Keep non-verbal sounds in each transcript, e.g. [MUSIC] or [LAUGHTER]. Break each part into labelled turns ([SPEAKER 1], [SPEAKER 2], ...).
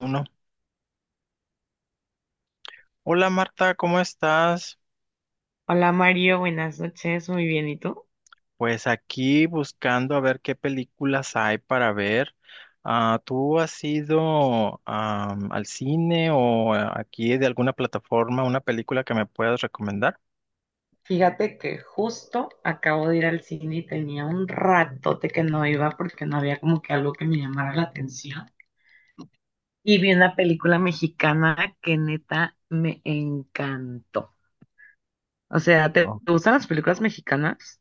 [SPEAKER 1] Uno. Hola Marta, ¿cómo estás?
[SPEAKER 2] Hola Mario, buenas noches, muy bien, ¿y tú?
[SPEAKER 1] Pues aquí buscando a ver qué películas hay para ver. Ah, ¿tú has ido al cine o aquí de alguna plataforma una película que me puedas recomendar?
[SPEAKER 2] Fíjate que justo acabo de ir al cine y tenía un ratote que no iba porque no había como que algo que me llamara la atención. Y vi una película mexicana que neta me encantó. O sea, ¿te
[SPEAKER 1] Oh.
[SPEAKER 2] te gustan las películas mexicanas?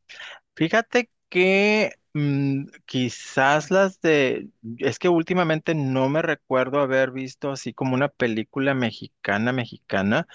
[SPEAKER 1] Fíjate que quizás las de... Es que últimamente no me recuerdo haber visto así como una película mexicana, mexicana.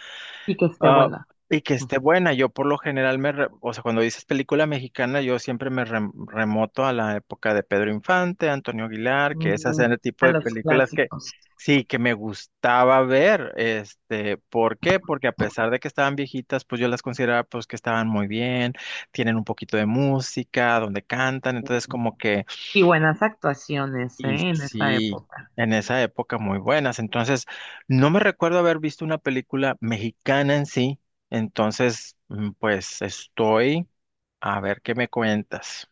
[SPEAKER 2] Y que esté
[SPEAKER 1] Ah,
[SPEAKER 2] buena.
[SPEAKER 1] y que esté buena. Yo por lo general o sea, cuando dices película mexicana, yo siempre me remoto a la época de Pedro Infante, Antonio Aguilar, que esas
[SPEAKER 2] Mm,
[SPEAKER 1] eran el tipo
[SPEAKER 2] a
[SPEAKER 1] de
[SPEAKER 2] los
[SPEAKER 1] películas que
[SPEAKER 2] clásicos.
[SPEAKER 1] sí, que me gustaba ver. ¿Por qué? Porque a pesar de que estaban viejitas, pues yo las consideraba pues que estaban muy bien, tienen un poquito de música, donde cantan, entonces como que
[SPEAKER 2] Y buenas actuaciones,
[SPEAKER 1] y
[SPEAKER 2] ¿eh? En esa
[SPEAKER 1] sí,
[SPEAKER 2] época.
[SPEAKER 1] en esa época muy buenas. Entonces, no me recuerdo haber visto una película mexicana en sí. Entonces, pues estoy a ver qué me cuentas.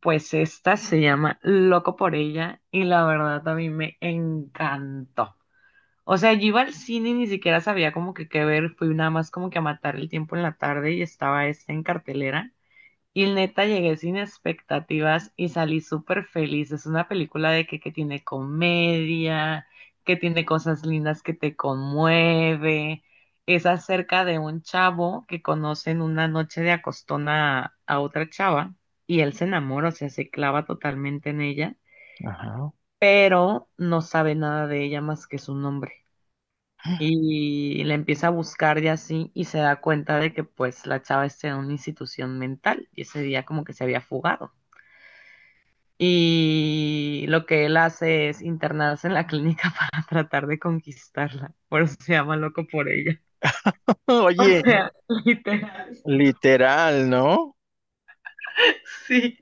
[SPEAKER 2] Pues esta se llama Loco por ella y la verdad a mí me encantó. O sea, yo iba al cine y ni siquiera sabía como que qué ver, fui nada más como que a matar el tiempo en la tarde y estaba esta en cartelera. Y neta llegué sin expectativas y salí súper feliz. Es una película de que tiene comedia, que tiene cosas lindas que te conmueve. Es acerca de un chavo que conoce en una noche de acostona a otra chava y él se enamora, o sea, se clava totalmente en ella,
[SPEAKER 1] Ajá.
[SPEAKER 2] pero no sabe nada de ella más que su nombre y la empieza a buscar y así y se da cuenta de que pues la chava está en una institución mental y ese día como que se había fugado. Y lo que él hace es internarse en la clínica [LAUGHS] para tratar de conquistarla. Por eso se llama loco por ella.
[SPEAKER 1] [LAUGHS]
[SPEAKER 2] [LAUGHS] O
[SPEAKER 1] Oye,
[SPEAKER 2] sea, literal.
[SPEAKER 1] literal, ¿no?
[SPEAKER 2] Sí.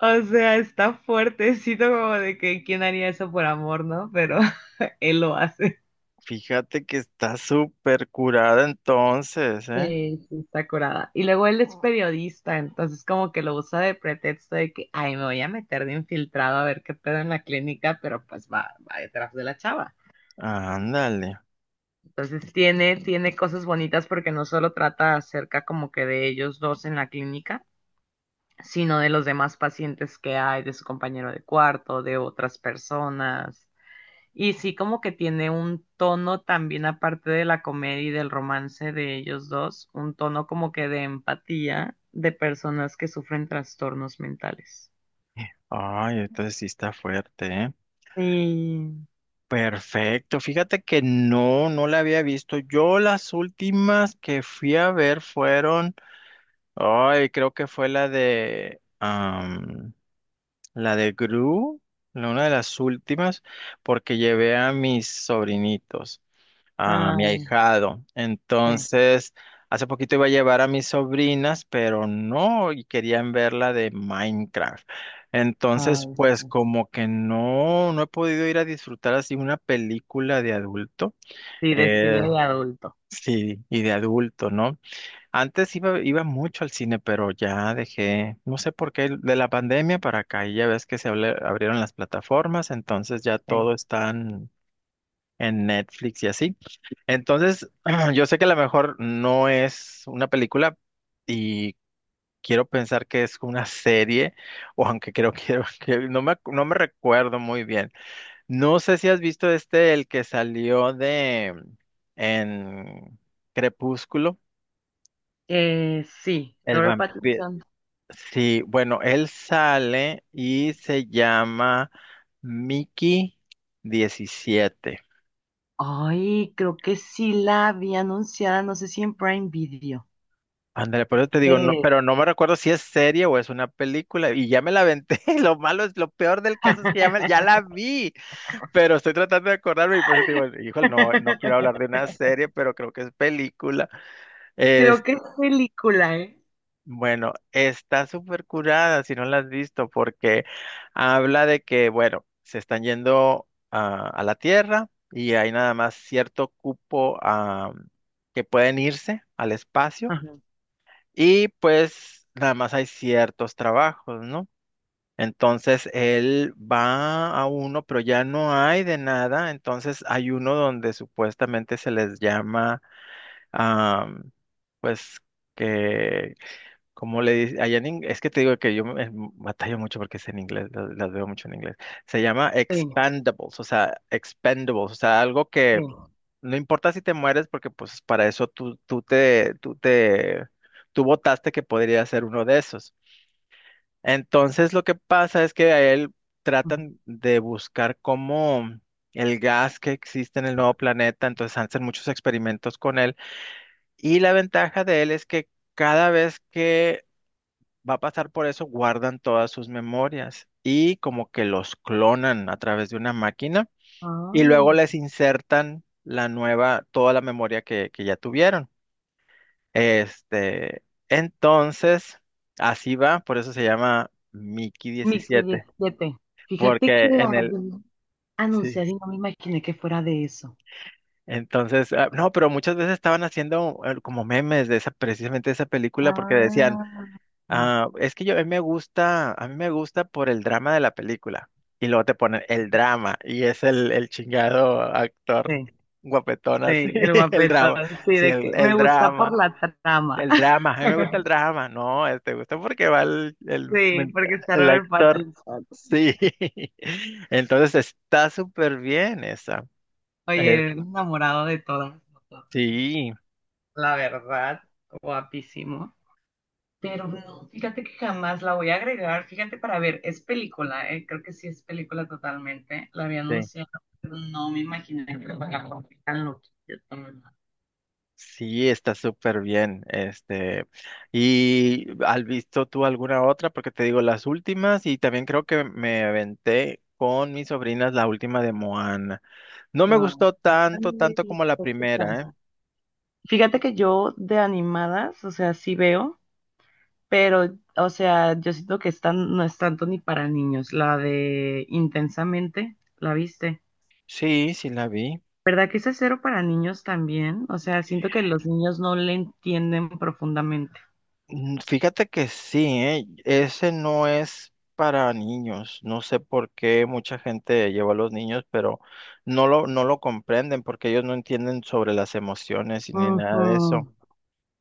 [SPEAKER 2] O sea, está fuertecito como de que quién haría eso por amor, ¿no? Pero [LAUGHS] él lo hace.
[SPEAKER 1] Fíjate que está súper curada entonces, ¿eh?
[SPEAKER 2] Sí, sí, está curada. Y luego él es, ah, periodista, entonces como que lo usa de pretexto de que, ay, me voy a meter de infiltrado a ver qué pedo en la clínica, pero pues va, va detrás de la chava.
[SPEAKER 1] Ándale.
[SPEAKER 2] Entonces tiene, tiene cosas bonitas porque no solo trata acerca como que de ellos dos en la clínica, sino de los demás pacientes que hay, de su compañero de cuarto, de otras personas. Y sí, como que tiene un tono también, aparte de la comedia y del romance de ellos dos, un tono como que de empatía de personas que sufren trastornos mentales.
[SPEAKER 1] Ay, entonces sí está fuerte, ¿eh?
[SPEAKER 2] Sí,
[SPEAKER 1] Perfecto. Fíjate que no, no la había visto. Yo las últimas que fui a ver fueron, ay, creo que fue la de la de Gru, una de las últimas, porque llevé a mis sobrinitos, a mi
[SPEAKER 2] ay,
[SPEAKER 1] ahijado.
[SPEAKER 2] sí,
[SPEAKER 1] Entonces, hace poquito iba a llevar a mis sobrinas, pero no, y querían ver la de Minecraft. Entonces,
[SPEAKER 2] ay.
[SPEAKER 1] pues como que no, no he podido ir a disfrutar así una película de adulto.
[SPEAKER 2] Sí, de
[SPEAKER 1] Eh,
[SPEAKER 2] cine de adulto,
[SPEAKER 1] sí, y de adulto, ¿no? Antes iba, iba mucho al cine, pero ya dejé, no sé por qué, de la pandemia para acá, y ya ves que abrieron las plataformas, entonces ya
[SPEAKER 2] sí.
[SPEAKER 1] todo está en Netflix y así. Entonces, [CLEARS THROAT] yo sé que a lo mejor no es una película y quiero pensar que es una serie, o aunque creo que, [LAUGHS] que no me recuerdo muy bien. No sé si has visto el que salió de en Crepúsculo,
[SPEAKER 2] Sí,
[SPEAKER 1] el
[SPEAKER 2] Robert
[SPEAKER 1] vampiro.
[SPEAKER 2] Pattinson.
[SPEAKER 1] Sí, bueno, él sale y se llama Mickey 17.
[SPEAKER 2] Ay, creo que sí la había anunciada, no sé si en Prime Video.
[SPEAKER 1] Ándale, por eso te digo, no,
[SPEAKER 2] Eh.
[SPEAKER 1] pero no me recuerdo si es serie o es una película y ya me la aventé. [LAUGHS] Lo malo es, lo peor del caso es que ya, ya la vi, pero estoy tratando de acordarme y por eso te digo, híjole, no, no quiero hablar de
[SPEAKER 2] [LAUGHS]
[SPEAKER 1] una serie, pero creo que es película.
[SPEAKER 2] Creo que es película, ¿eh?
[SPEAKER 1] Bueno, está súper curada si no la has visto, porque habla de que, bueno, se están yendo a la Tierra y hay nada más cierto cupo, ah, que pueden irse al espacio
[SPEAKER 2] Ajá,
[SPEAKER 1] y pues nada más hay ciertos trabajos, ¿no? Entonces él va a uno, pero ya no hay de nada, entonces hay uno donde supuestamente se les llama, ah, pues, que como le dice, es que te digo que yo batallo mucho porque es en inglés, las, veo mucho en inglés. Se llama
[SPEAKER 2] sí,
[SPEAKER 1] expandables, o sea, expendables, o sea, algo que no importa si te mueres porque pues para eso tú votaste que podría ser uno de esos. Entonces lo que pasa es que a él
[SPEAKER 2] sí.
[SPEAKER 1] tratan de buscar cómo el gas que existe en el nuevo planeta, entonces hacen muchos experimentos con él y la ventaja de él es que cada vez que va a pasar por eso, guardan todas sus memorias y como que los clonan a través de una máquina y
[SPEAKER 2] Ay,
[SPEAKER 1] luego les insertan la nueva, toda la memoria que ya tuvieron. Este, entonces, así va, por eso se llama Mickey
[SPEAKER 2] Mickey
[SPEAKER 1] diecisiete
[SPEAKER 2] 17. Fíjate
[SPEAKER 1] porque
[SPEAKER 2] que
[SPEAKER 1] en
[SPEAKER 2] la vi
[SPEAKER 1] el, sí.
[SPEAKER 2] anunciar y no me imaginé que fuera de eso.
[SPEAKER 1] Entonces, ah, no, pero muchas veces estaban haciendo como memes de esa, precisamente de esa película, porque decían,
[SPEAKER 2] Ah,
[SPEAKER 1] ah, es que yo, a mí me gusta, a mí me gusta por el drama de la película. Y luego te ponen el drama y es el chingado actor
[SPEAKER 2] sí,
[SPEAKER 1] guapetón así,
[SPEAKER 2] sí, el
[SPEAKER 1] [LAUGHS] el
[SPEAKER 2] guapetón,
[SPEAKER 1] drama.
[SPEAKER 2] sí,
[SPEAKER 1] Sí,
[SPEAKER 2] de que me gusta por la trama.
[SPEAKER 1] el drama, a mí me gusta el
[SPEAKER 2] [LAUGHS]
[SPEAKER 1] drama. No, te gusta porque va
[SPEAKER 2] Sí, porque está
[SPEAKER 1] el
[SPEAKER 2] Robert
[SPEAKER 1] actor.
[SPEAKER 2] Pattinson.
[SPEAKER 1] Sí, [LAUGHS] entonces está súper bien esa. Eh,
[SPEAKER 2] Oye, enamorado de todas nosotras.
[SPEAKER 1] sí,
[SPEAKER 2] La verdad, guapísimo. Pero no, fíjate que jamás la voy a agregar. Fíjate para ver, es película, creo que sí es película totalmente. La había
[SPEAKER 1] sí.
[SPEAKER 2] anunciado, pero no me imaginé que lo fuera algo tan loquillo tan-
[SPEAKER 1] Sí, está súper bien. ¿Y has visto tú alguna otra? Porque te digo las últimas y también creo que me aventé con mis sobrinas la última de Moana. No me
[SPEAKER 2] Ah,
[SPEAKER 1] gustó tanto,
[SPEAKER 2] ay,
[SPEAKER 1] tanto como la
[SPEAKER 2] qué
[SPEAKER 1] primera, ¿eh?
[SPEAKER 2] tal. Fíjate que yo de animadas, o sea, sí veo, pero, o sea, yo siento que están, no es tanto ni para niños. La de Intensamente, ¿la viste?
[SPEAKER 1] Sí, sí la vi.
[SPEAKER 2] ¿Verdad que esa es cero para niños también? O sea, siento que los niños no le entienden profundamente.
[SPEAKER 1] Fíjate que sí, ¿eh? Ese no es para niños. No sé por qué mucha gente lleva a los niños, pero no lo, no lo comprenden porque ellos no entienden sobre las emociones y ni nada
[SPEAKER 2] Ujú.
[SPEAKER 1] de eso.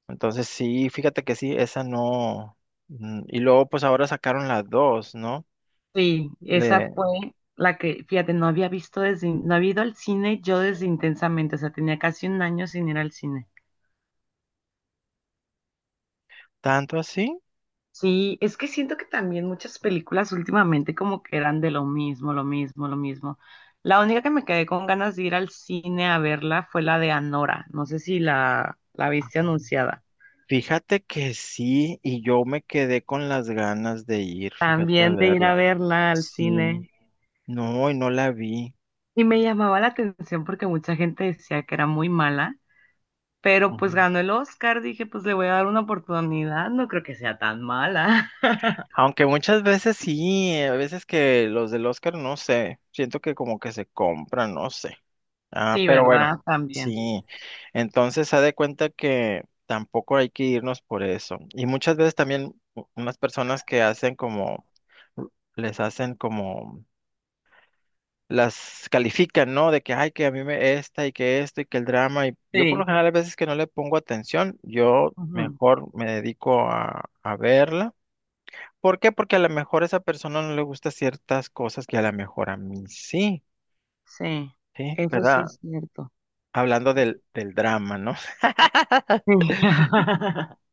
[SPEAKER 1] Entonces sí, fíjate que sí, esa no. Y luego pues ahora sacaron las dos, ¿no?
[SPEAKER 2] Sí, esa
[SPEAKER 1] Le...
[SPEAKER 2] fue la que, fíjate, no había visto desde, no había ido al cine yo desde Intensamente, o sea, tenía casi un año sin ir al cine.
[SPEAKER 1] ¿Tanto así?
[SPEAKER 2] Sí, es que siento que también muchas películas últimamente como que eran de lo mismo, lo mismo, lo mismo. La única que me quedé con ganas de ir al cine a verla fue la de Anora, no sé si la, la viste anunciada.
[SPEAKER 1] Fíjate que sí, y yo me quedé con las ganas de ir, fíjate a
[SPEAKER 2] También de ir a
[SPEAKER 1] verla.
[SPEAKER 2] verla al
[SPEAKER 1] Sí,
[SPEAKER 2] cine.
[SPEAKER 1] no, y no la vi.
[SPEAKER 2] Y me llamaba la atención porque mucha gente decía que era muy mala. Pero pues
[SPEAKER 1] Ujú.
[SPEAKER 2] ganó el Oscar, dije, pues le voy a dar una oportunidad, no creo que sea tan mala. [LAUGHS]
[SPEAKER 1] Aunque muchas veces sí, a veces que los del Oscar, no sé, siento que como que se compran, no sé. Ah,
[SPEAKER 2] Sí,
[SPEAKER 1] pero bueno,
[SPEAKER 2] ¿verdad? También.
[SPEAKER 1] sí. Entonces, haz de cuenta que tampoco hay que irnos por eso. Y muchas veces también unas personas que hacen como, les hacen como, las califican, ¿no? De que, ay, que a mí me esta y que esto y que el drama. Y yo por lo
[SPEAKER 2] Sí.
[SPEAKER 1] general a veces que no le pongo atención, yo
[SPEAKER 2] Ujú,
[SPEAKER 1] mejor me dedico a verla. ¿Por qué? Porque a lo mejor a esa persona no le gusta ciertas cosas que a lo mejor a mí sí,
[SPEAKER 2] sí,
[SPEAKER 1] ¿sí?
[SPEAKER 2] eso sí
[SPEAKER 1] ¿Verdad?
[SPEAKER 2] es cierto.
[SPEAKER 1] Hablando del, del drama, ¿no?
[SPEAKER 2] Sí. [LAUGHS]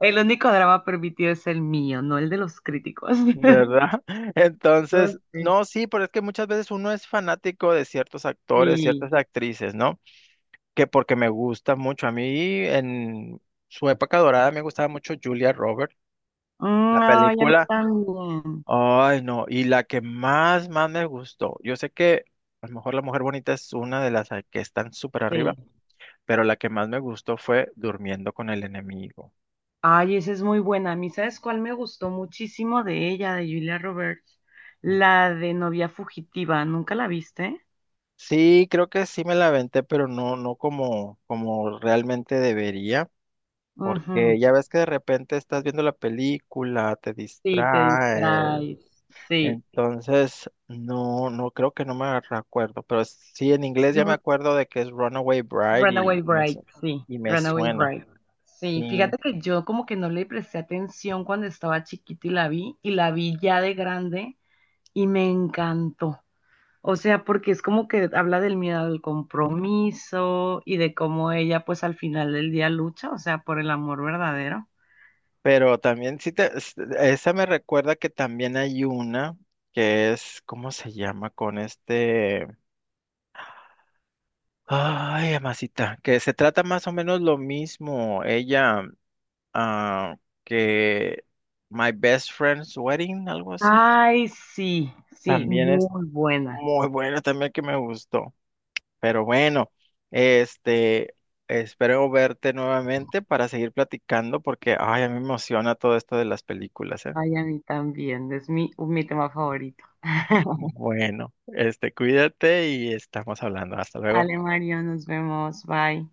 [SPEAKER 2] El único drama permitido es el mío, no el de los críticos. [LAUGHS]
[SPEAKER 1] ¿Verdad? [LAUGHS]
[SPEAKER 2] No
[SPEAKER 1] Entonces,
[SPEAKER 2] sé,
[SPEAKER 1] no, sí, pero es que muchas veces uno es fanático de ciertos actores,
[SPEAKER 2] sí.
[SPEAKER 1] ciertas actrices, ¿no? Que porque me gusta mucho. A mí en su época dorada me gustaba mucho Julia Roberts,
[SPEAKER 2] Mm,
[SPEAKER 1] la
[SPEAKER 2] ay, a mí
[SPEAKER 1] película.
[SPEAKER 2] también.
[SPEAKER 1] Ay, no, y la que más, más me gustó. Yo sé que a lo mejor La Mujer Bonita es una que están súper arriba,
[SPEAKER 2] Sí.
[SPEAKER 1] pero la que más me gustó fue Durmiendo con el Enemigo.
[SPEAKER 2] Ay, esa es muy buena. A mí, ¿sabes cuál me gustó muchísimo de ella, de Julia Roberts?
[SPEAKER 1] Mm.
[SPEAKER 2] La de novia fugitiva. ¿Nunca la viste?
[SPEAKER 1] Sí, creo que sí me la aventé, pero no, no como, como realmente debería.
[SPEAKER 2] Ujú.
[SPEAKER 1] Porque ya ves que de repente estás viendo la película, te
[SPEAKER 2] Sí, te
[SPEAKER 1] distrae.
[SPEAKER 2] distraes. Sí.
[SPEAKER 1] Entonces, no, no creo que no me acuerdo, pero sí en inglés ya me
[SPEAKER 2] Yo-
[SPEAKER 1] acuerdo de que es Runaway Bride
[SPEAKER 2] Runaway Bride, sí.
[SPEAKER 1] y me
[SPEAKER 2] Runaway
[SPEAKER 1] suena.
[SPEAKER 2] Bride. Sí,
[SPEAKER 1] Sí,
[SPEAKER 2] fíjate que yo como que no le presté atención cuando estaba chiquita y la vi ya de grande y me encantó. O sea, porque es como que habla del miedo al compromiso y de cómo ella pues al final del día lucha, o sea, por el amor verdadero.
[SPEAKER 1] pero también sí esa me recuerda que también hay una que es, ¿cómo se llama? Con ay, amasita, que se trata más o menos lo mismo. Ella ah, que My Best Friend's Wedding, algo así.
[SPEAKER 2] Ay, sí, sí,
[SPEAKER 1] También es
[SPEAKER 2] muy buena.
[SPEAKER 1] muy buena, también que me gustó. Pero bueno, este, espero verte nuevamente para seguir platicando porque, ay, a mí me emociona todo esto de las películas, ¿eh?
[SPEAKER 2] Ay, a mí también, es mi, mi tema favorito. [LAUGHS]
[SPEAKER 1] Bueno, cuídate y estamos hablando. Hasta luego.
[SPEAKER 2] Vale, Mario, nos vemos. Bye.